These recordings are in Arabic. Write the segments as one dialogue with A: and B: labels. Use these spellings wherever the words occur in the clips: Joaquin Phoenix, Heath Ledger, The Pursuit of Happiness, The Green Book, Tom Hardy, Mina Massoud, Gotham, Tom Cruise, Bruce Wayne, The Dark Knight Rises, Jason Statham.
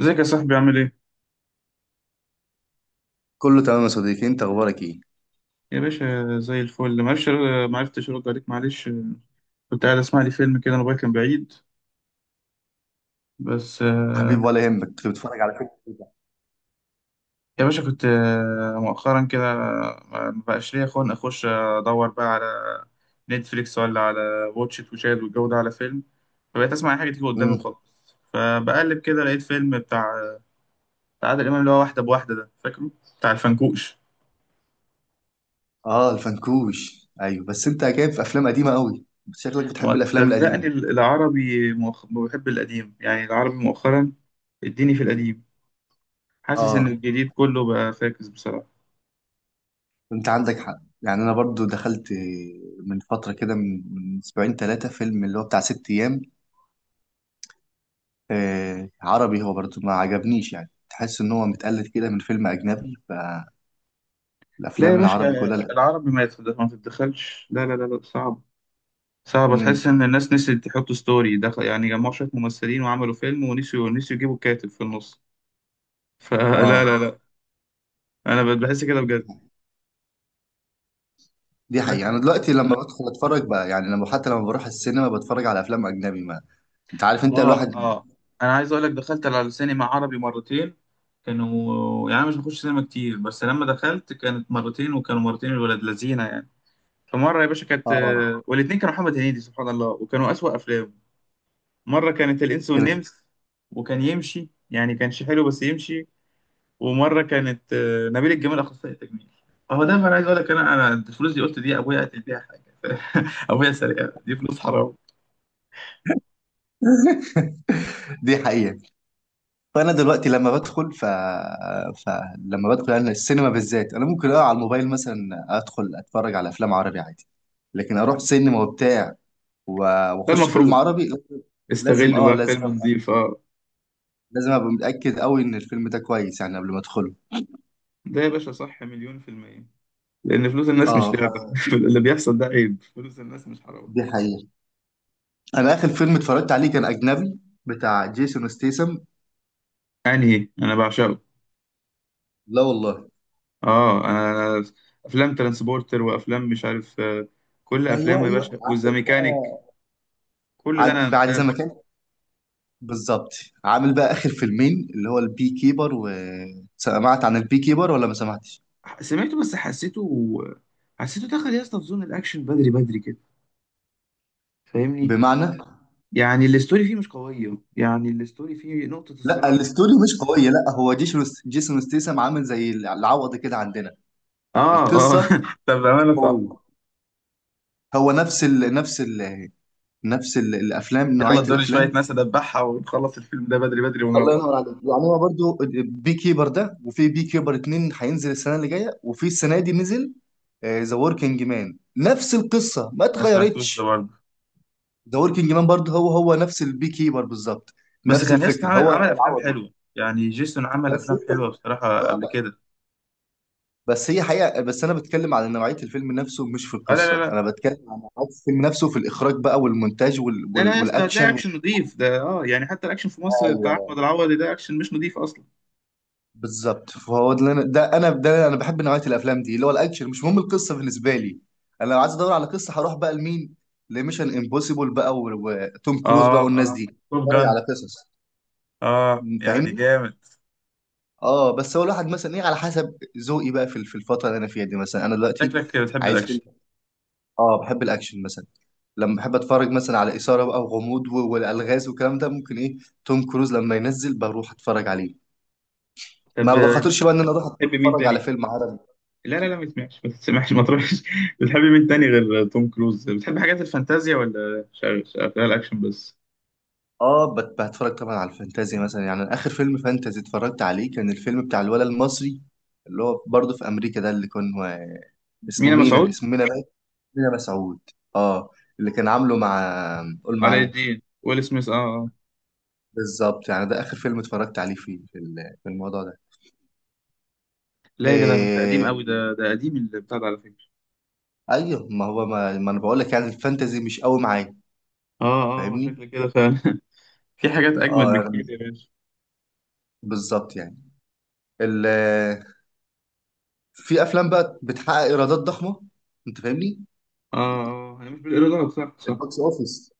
A: ازيك يا صاحبي عامل ايه؟
B: كله تمام يا صديقي، انت اخبارك ايه؟
A: يا باشا زي الفل معرفش معرفتش ارد عليك معلش. كنت قاعد اسمع لي فيلم كده، الموبايل كان بعيد بس
B: حبيبي ولا يهمك، كنت بتتفرج على فيلم.
A: يا باشا. كنت مؤخرا كده ما بقاش ليا خلق اخش ادور بقى على نتفليكس ولا على واتشت وشاهد، والجو ده على فيلم. فبقيت اسمع اي حاجه تيجي قدامي
B: امم
A: وخلاص. فبقلب كده لقيت فيلم بتاع عادل امام اللي هو واحده بواحده ده، فاكره؟ بتاع الفنكوش.
B: اه الفنكوش، ايوه. بس انت جايب في افلام قديمه قوي، بس شكلك بتحب
A: ما
B: الافلام
A: صدقني،
B: القديمه.
A: العربي بحب القديم يعني، العربي مؤخرا اديني في القديم. حاسس ان
B: اه،
A: الجديد كله بقى فاكس بصراحه.
B: انت عندك حق. يعني انا برضو دخلت من فتره كده، من اسبوعين ثلاثه، فيلم اللي هو بتاع ست ايام. عربي، هو برضو ما عجبنيش. يعني تحس ان هو متقلد كده من فيلم اجنبي.
A: لا يا
B: فالافلام
A: باشا،
B: العربي كلها لا.
A: العربي ما تتدخلش، لا صعب. صعب. تحس
B: امم.
A: ان الناس نسيت تحط ستوري دخل، يعني جمعوا شويه ممثلين وعملوا فيلم ونسيوا، يجيبوا كاتب في النص. فلا لا
B: اه،
A: لا لا، انا بحس كده بجد.
B: دي حقيقة. أنا
A: لكن،
B: دلوقتي لما بدخل أتفرج بقى، يعني لما حتى لما بروح السينما بتفرج على أفلام أجنبي. ما انت عارف انت
A: اه
B: الواحد.
A: اه انا عايز اقول لك دخلت على سينما عربي مرتين. كانوا يعني، أنا مش بخش سينما كتير، بس لما دخلت كانت مرتين وكانوا مرتين الولاد لذينه يعني. فمره يا باشا كانت
B: اه.
A: والاتنين كانوا محمد هنيدي سبحان الله، وكانوا اسوأ افلام. مرة كانت الإنس
B: كده.
A: والنمس، وكان يمشي يعني، كانش حلو بس يمشي. ومرة كانت نبيل الجميل أخصائي تجميل. فهو ده أنا عايز أقول لك، أنا الفلوس دي قلت دي أبويا قتل بيها حاجة. أبويا سرقها، دي فلوس حرام.
B: دي حقيقة. فأنا دلوقتي لما بدخل ف... فلما بدخل أنا السينما بالذات، أنا ممكن أقع على الموبايل مثلا، أدخل أتفرج على أفلام عربي عادي. لكن أروح سينما وبتاع و...
A: ده
B: وأخش فيلم
A: المفروض
B: عربي، لازم
A: استغله بقى في
B: لازم
A: فيلم نظيف، أه.
B: أبقى متأكد أوي إن الفيلم ده كويس يعني قبل ما أدخله.
A: ده يا باشا صح مليون في المية. لأن فلوس الناس مش
B: أه
A: لعبة.
B: ف-
A: اللي بيحصل ده عيب، فلوس الناس مش حرام.
B: دي حقيقة. أنا آخر فيلم اتفرجت عليه كان أجنبي، بتاع جيسون ستيسم.
A: أنهي؟ أنا بعشقه.
B: لا والله.
A: أه أنا، أنا أفلام ترانسبورتر وأفلام مش عارف كل
B: ايوه
A: أفلامه يا
B: ايوه،
A: باشا
B: عندك بقى.
A: والزاميكانيك، كل ده انا
B: بعد زي
A: متابع.
B: ما كان بالظبط. عامل بقى اخر فيلمين، اللي هو البي كيبر و سمعت عن البي كيبر ولا ما سمعتش؟
A: سمعته بس حسيته، حسيته دخل يا اسطى في زون الاكشن بدري بدري كده، فاهمني؟
B: بمعنى،
A: يعني الاستوري فيه مش قويه، يعني الاستوري فيه نقطه
B: لا
A: الصراع و...
B: الاستوري مش قويه. لا، هو جيسون ستيسم عامل زي العوض كده عندنا.
A: اه اه.
B: القصه
A: طب
B: مش
A: بامانه
B: قويه.
A: صح.
B: هو الافلام،
A: يلا
B: نوعيه
A: ادوني شويه
B: الافلام.
A: ناس ادبحها ونخلص الفيلم ده بدري بدري
B: الله
A: ونروح.
B: ينور عليك. يعني هو برضو بي كيبر ده، وفي بي كيبر اتنين هينزل السنه اللي جايه، وفي السنه دي نزل ذا وركينج مان، نفس القصه ما
A: ما سمعتوش ده
B: اتغيرتش.
A: برضه.
B: ذا وركينج مان برضه هو نفس البي كيبر بالظبط.
A: بس
B: نفس
A: كان ياسطا
B: الفكره،
A: عمل
B: هو
A: افلام
B: العوضي.
A: حلوه، يعني جيسون عمل
B: بس
A: افلام
B: انت
A: حلوه بصراحه
B: آه
A: قبل
B: بقى.
A: كده.
B: بس هي حقيقه. بس انا بتكلم على نوعيه الفيلم نفسه، مش في
A: اه لا لا
B: القصه.
A: لا.
B: انا بتكلم عن نوعيه الفيلم نفسه في الاخراج بقى والمونتاج
A: لا لا يا اسطى، هتلاقي
B: والاكشن
A: اكشن نضيف ده اه، يعني حتى الاكشن في مصر بتاع
B: ايوه
A: احمد العوضي ده اكشن مش نضيف اصلا.
B: بالظبط. فهو ده اللي انا ده انا ده انا بحب نوعيه الافلام دي، اللي هو الاكشن. مش مهم القصه بالنسبه لي. انا لو عايز ادور على قصه هروح بقى لمين؟ لميشن امبوسيبل بقى وتوم كروز
A: اه
B: بقى والناس دي،
A: اه. توب
B: اتفرج
A: جان،
B: على قصص.
A: اه يعني
B: فاهمني.
A: جامد.
B: اه بس هو الواحد مثلا ايه، على حسب ذوقي بقى في في الفتره اللي انا فيها دي، مثلا انا دلوقتي
A: شكلك بتحب
B: عايز فيلم.
A: الاكشن.
B: اه بحب الاكشن مثلا. لما بحب اتفرج مثلا على اثاره بقى وغموض والالغاز والكلام ده، ممكن ايه، توم كروز لما ينزل بروح اتفرج عليه. ما
A: طب
B: بخاطرش بقى ان انا اروح
A: بتحب مين
B: اتفرج على
A: تاني؟
B: فيلم عربي.
A: لا لا لا، ما تسمعش، ما تروحش. بتحب مين تاني غير توم كروز؟ بتحب حاجات الفانتازيا ولا شغال، اكشن بس؟
B: اه بتفرج طبعا على الفانتازي مثلا. يعني أنا اخر فيلم فانتازي اتفرجت عليه كان الفيلم بتاع الولد المصري اللي هو برضه في امريكا ده، اللي كان هو اسمه
A: مينا
B: مينا،
A: مسعود؟
B: اسمه مينا بقى. مينا مسعود. اه، اللي كان عامله مع، قول
A: علاء
B: معايا.
A: الدين، ويل سميث، اه
B: بالظبط، يعني ده اخر فيلم اتفرجت عليه فيه في الموضوع ده.
A: لا يا جدع، ده قديم
B: إيه؟
A: قوي ده قديم اللي بتاع ده على فكرة.
B: ايوه، ما هو ما, ما انا بقول لك، يعني الفانتازي مش قوي معايا.
A: اه اه
B: فاهمني.
A: شكل كده فعلا. في حاجات اجمد
B: اه
A: بكتير يا باشا.
B: بالظبط يعني، ال في افلام بقى بتحقق ايرادات ضخمه، انت فاهمني؟
A: اه اه، هي مش بالايرادات، صح.
B: البوكس اوفيس.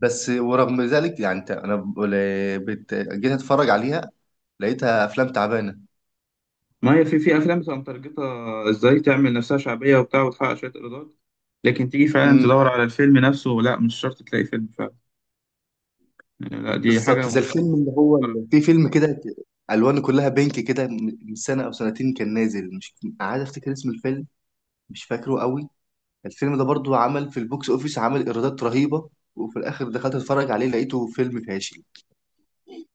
B: بس ورغم ذلك يعني، انت انا بقول- بت- جيت اتفرج عليها لقيتها افلام تعبانه.
A: ما هي في في افلام بتبقى مترجطه، ازاي تعمل نفسها شعبيه وبتاع وتحقق شويه ايرادات، لكن تيجي فعلا تدور
B: امم.
A: على الفيلم نفسه لا، مش شرط تلاقي فيلم فعلا يعني، لا دي حاجة.
B: بالظبط زي الفيلم اللي هو،
A: مفكرة؟
B: اللي في فيلم كده الوانه كلها بينك كده، من سنه او سنتين كان نازل، مش عايز افتكر اسم الفيلم، مش فاكره قوي. الفيلم ده برضو عمل في البوكس اوفيس، عمل ايرادات رهيبه، وفي الاخر دخلت اتفرج عليه لقيته فيلم فاشل.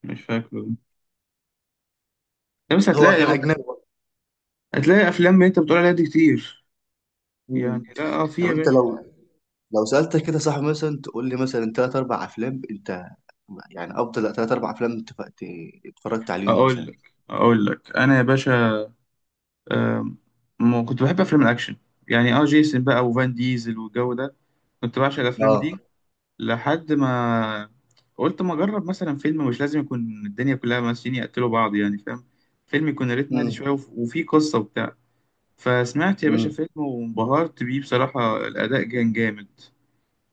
A: مش فاكره. لا، بس
B: هو
A: هتلاقي،
B: كان اجنبي.
A: هتلاقي أفلام أنت بتقول عليها دي كتير،
B: مم.
A: يعني لا اه، في
B: طب
A: يا
B: انت
A: باشا.
B: لو، لو سالتك كده صاحبي، مثلا تقول لي مثلا ثلاث اربع افلام انت، يعني افضل ثلاث اربع افلام انت اتفرجت عليهم
A: أقول
B: مثلا.
A: لك، أنا يا باشا، آم، كنت بحب أفلام الأكشن، يعني اه جيسون بقى وفان ديزل والجو ده، كنت بعشق الأفلام
B: اه.
A: دي. لحد ما قلت ما أجرب مثلا فيلم مش لازم يكون الدنيا كلها ممثلين يقتلوا بعض، يعني فاهم؟ فيلم يكون ريتم هادي
B: امم.
A: شوية، وفيه قصة وبتاع. فسمعت يا باشا
B: امم.
A: فيلم وانبهرت بيه، بصراحة الأداء كان جامد،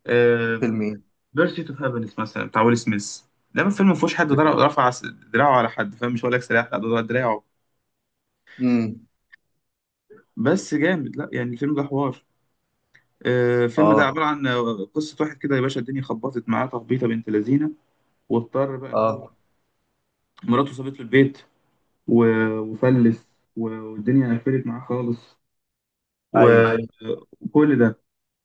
A: أه.
B: فيلم ايه؟
A: بيرسيت اوف هابينس مثلا، بتاع ويل سميث. ده من فيلم ما فيهوش حد
B: بتاع.
A: رفع دراعه على حد، فاهم؟ مش هقول لك سلاح، لا ده ضرب دراعه.
B: امم.
A: بس جامد، لا يعني الفيلم ده حوار، أه. الفيلم ده عبارة
B: اه.
A: عن قصة واحد كده يا باشا، الدنيا خبطت معاه تخبيطة بنت لذينة. واضطر بقى إن هو،
B: اه.
A: مراته سابت له البيت
B: مم.
A: وفلس، والدنيا قفلت معاه خالص، و-
B: ايوه.
A: وكل ده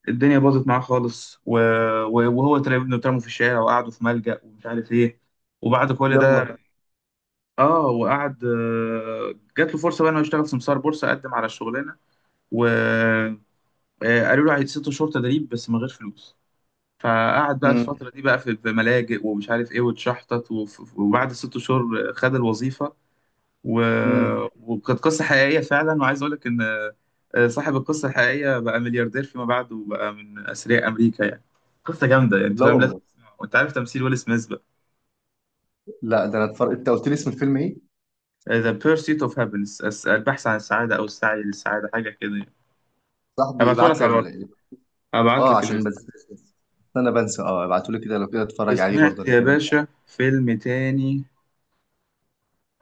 A: الدنيا باظت معاه خالص و... وهو تلاقي ابنه اترموا في الشارع وقعدوا في ملجأ ومش عارف ايه. وبعد كل ده،
B: يلا.
A: اه، وقعد، جات له فرصه بقى انه يشتغل سمسار بورصه. قدم على الشغلانه وقالوا له عايز ست شهور تدريب بس من غير فلوس. فقعد بقى
B: امم.
A: الفتره دي بقى في في ملاجئ ومش عارف ايه واتشحطت، وبعد ست شهور خد الوظيفه، و...
B: امم.
A: وكانت قصة حقيقية فعلا. وعايز أقول لك إن صاحب القصة الحقيقية بقى ملياردير فيما بعد وبقى من أثرياء أمريكا يعني. قصة جامدة يعني، أنت
B: لا
A: فاهم لازم
B: والله.
A: تسمعها، وأنت عارف تمثيل ويل سميث بقى.
B: لا ده انا اتفرج، انت قلت لي اسم الفيلم ايه؟
A: The Pursuit of Happiness، البحث عن السعادة أو السعي للسعادة، حاجة كده يعني.
B: صاحبي
A: هبعته
B: ابعت
A: لك على الواتس،
B: لي.
A: هبعت
B: اه
A: لك
B: عشان
A: الليست.
B: بس، بس انا بنسى، اه ابعتولي كده، لو كده اتفرج عليه برضه
A: وسمعت
B: انا
A: يا
B: كمان.
A: باشا فيلم تاني،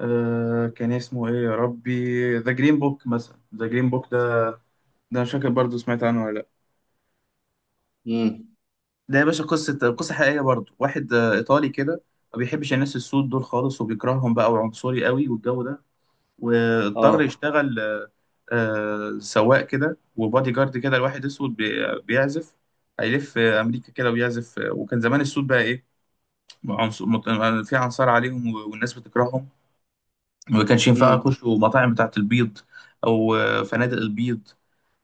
A: آه كان اسمه إيه يا ربي، ذا جرين بوك مثلا. ذا جرين بوك ده، ده مش فاكر برضه، سمعت عنه ولا؟
B: امم.
A: ده يا باشا قصة، قصة حقيقية برضو. واحد إيطالي كده ما بيحبش الناس السود دول خالص وبيكرههم بقى، وعنصري قوي والجو ده. واضطر
B: اه.
A: يشتغل سواق كده وبادي جارد كده لواحد أسود بيعزف. هيلف أمريكا كده ويعزف وكان زمان السود بقى إيه، في عنصار عليهم، والناس بتكرههم وما كانش ينفع
B: امم.
A: يخشوا مطاعم بتاعة البيض أو فنادق البيض.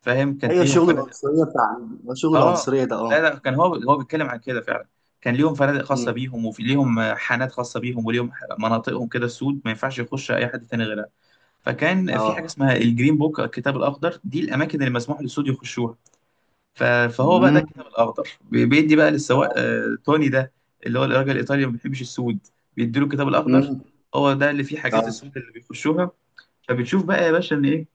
A: فاهم؟ كانت
B: ايوه،
A: ليهم،
B: الشغل العنصريه بتاع، الشغل
A: اه،
B: العنصريه ده
A: لا
B: اه.
A: لا كان هو، بيتكلم عن كده فعلا. كان ليهم فنادق خاصة
B: امم.
A: بيهم، وفي ليهم حانات خاصة بيهم، وليهم مناطقهم كده سود، ما ينفعش يخش أي حد تاني غيرها. فكان في حاجة
B: اه.
A: اسمها الجرين بوك، الكتاب الأخضر، دي الأماكن اللي مسموح للسود يخشوها. فهو بقى ده
B: امم.
A: الكتاب الأخضر بيدي بقى للسواق توني ده اللي هو الراجل الإيطالي اللي ما بيحبش السود، بيديله الكتاب الأخضر.
B: امم.
A: هو ده اللي فيه
B: اه.
A: حاجات السود اللي بيخشوها. فبتشوف بقى يا باشا إن إيه،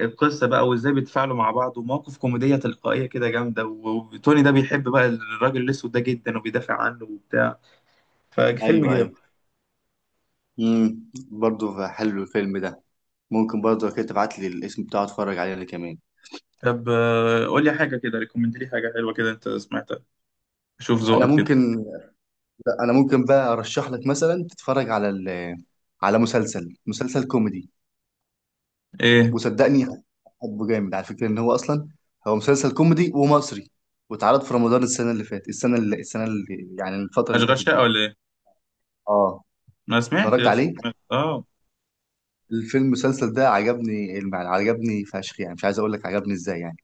A: القصه بقى وازاي بيتفاعلوا مع بعض، ومواقف كوميديه تلقائيه كده جامده، وتوني ده بيحب بقى الراجل الاسود ده جدا وبيدافع عنه وبتاع. ففيلم
B: ايوه
A: جامد.
B: ايوه. امم، برضه حلو الفيلم ده. ممكن برضه كده تبعت لي الاسم بتاعه اتفرج عليه انا كمان.
A: طب قول لي حاجه كده، ريكومند لي حاجه حلوه كده انت سمعتها، شوف
B: انا
A: ذوقك كده.
B: ممكن، لا، انا ممكن بقى ارشح لك مثلا تتفرج على على مسلسل كوميدي.
A: ايه،
B: وصدقني حبه جامد على فكره، ان هو اصلا هو مسلسل كوميدي ومصري، واتعرض في رمضان السنه اللي فاتت السنه اللي السنه اللي يعني الفتره اللي
A: اشغال
B: فاتت
A: شقه
B: دي.
A: ولا ايه؟
B: اه
A: ما سمعتش
B: اتفرجت
A: يا اسطى.
B: عليه.
A: سمعت. اه.
B: الفيلم المسلسل ده عجبني عجبني فشخ يعني، مش عايز اقول لك عجبني ازاي يعني.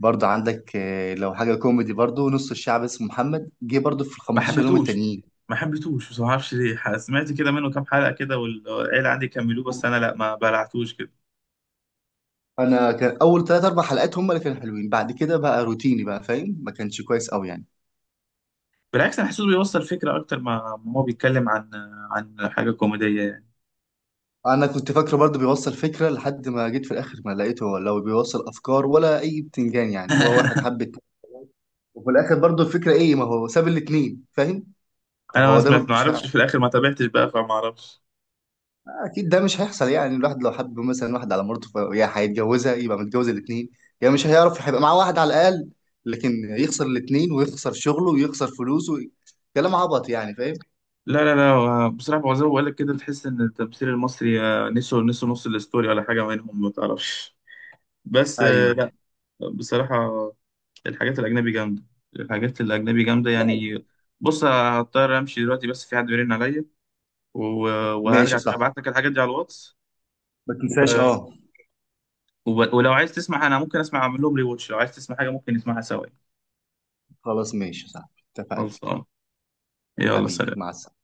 B: برضه عندك لو حاجه كوميدي برضه، نص الشعب اسمه محمد جه برضه في ال
A: ما
B: 15 يوم
A: حبيتهوش،
B: التانيين.
A: ما حبيتهوش، بس ما اعرفش ليه، سمعت كده منه كام حلقه كده، والعيله عندي كملوه بس انا لا، ما بلعتوش كده.
B: انا كان اول ثلاث اربع حلقات هم اللي كانوا حلوين، بعد كده بقى روتيني بقى، فاهم؟ ما كانش كويس قوي يعني.
A: بالعكس، انا حاسس بيوصل فكره اكتر، ما هو بيتكلم عن، عن حاجه كوميديه يعني.
B: انا كنت فاكره برضه بيوصل فكره، لحد ما جيت في الاخر ما لقيته، هو لو بيوصل افكار ولا اي بتنجان. يعني هو واحد حب اتنين، وفي الاخر برضه الفكره ايه؟ ما هو ساب الاتنين، فاهم؟ طب
A: انا ما
B: هو ده
A: سمعت، ما
B: مش
A: اعرفش
B: ه...
A: في الاخر، ما تابعتش بقى، فما اعرفش.
B: اكيد ده مش هيحصل. يعني الواحد لو حب مثلا واحد على مرته ف... يا هيتجوزها يبقى متجوز الاتنين، يا مش هيعرف، هيبقى معاه واحد على الاقل. لكن يخسر الاتنين ويخسر شغله ويخسر فلوسه، كلام عبط يعني، فاهم؟
A: لا، بصراحه هو زي ما بقول لك كده، تحس ان التمثيل المصري، نسوا نص الاستوري ولا حاجه منهم، ما تعرفش. بس
B: ايوه.
A: لا بصراحه، الحاجات الاجنبي جامده،
B: لا.
A: يعني. بص، هضطر امشي دلوقتي بس، في حد بيرن عليا،
B: ماشي
A: وهرجع
B: صح.
A: ابعت لك الحاجات دي على الواتس.
B: ما تنساش اه.
A: ولو عايز تسمع انا ممكن اسمع اعمل لهم ريواتش، لو عايز تسمع حاجه ممكن نسمعها سوا.
B: خلاص ماشي صح، اتفقنا.
A: خلصان، يلا
B: حبيبي
A: سلام.
B: مع السلامه.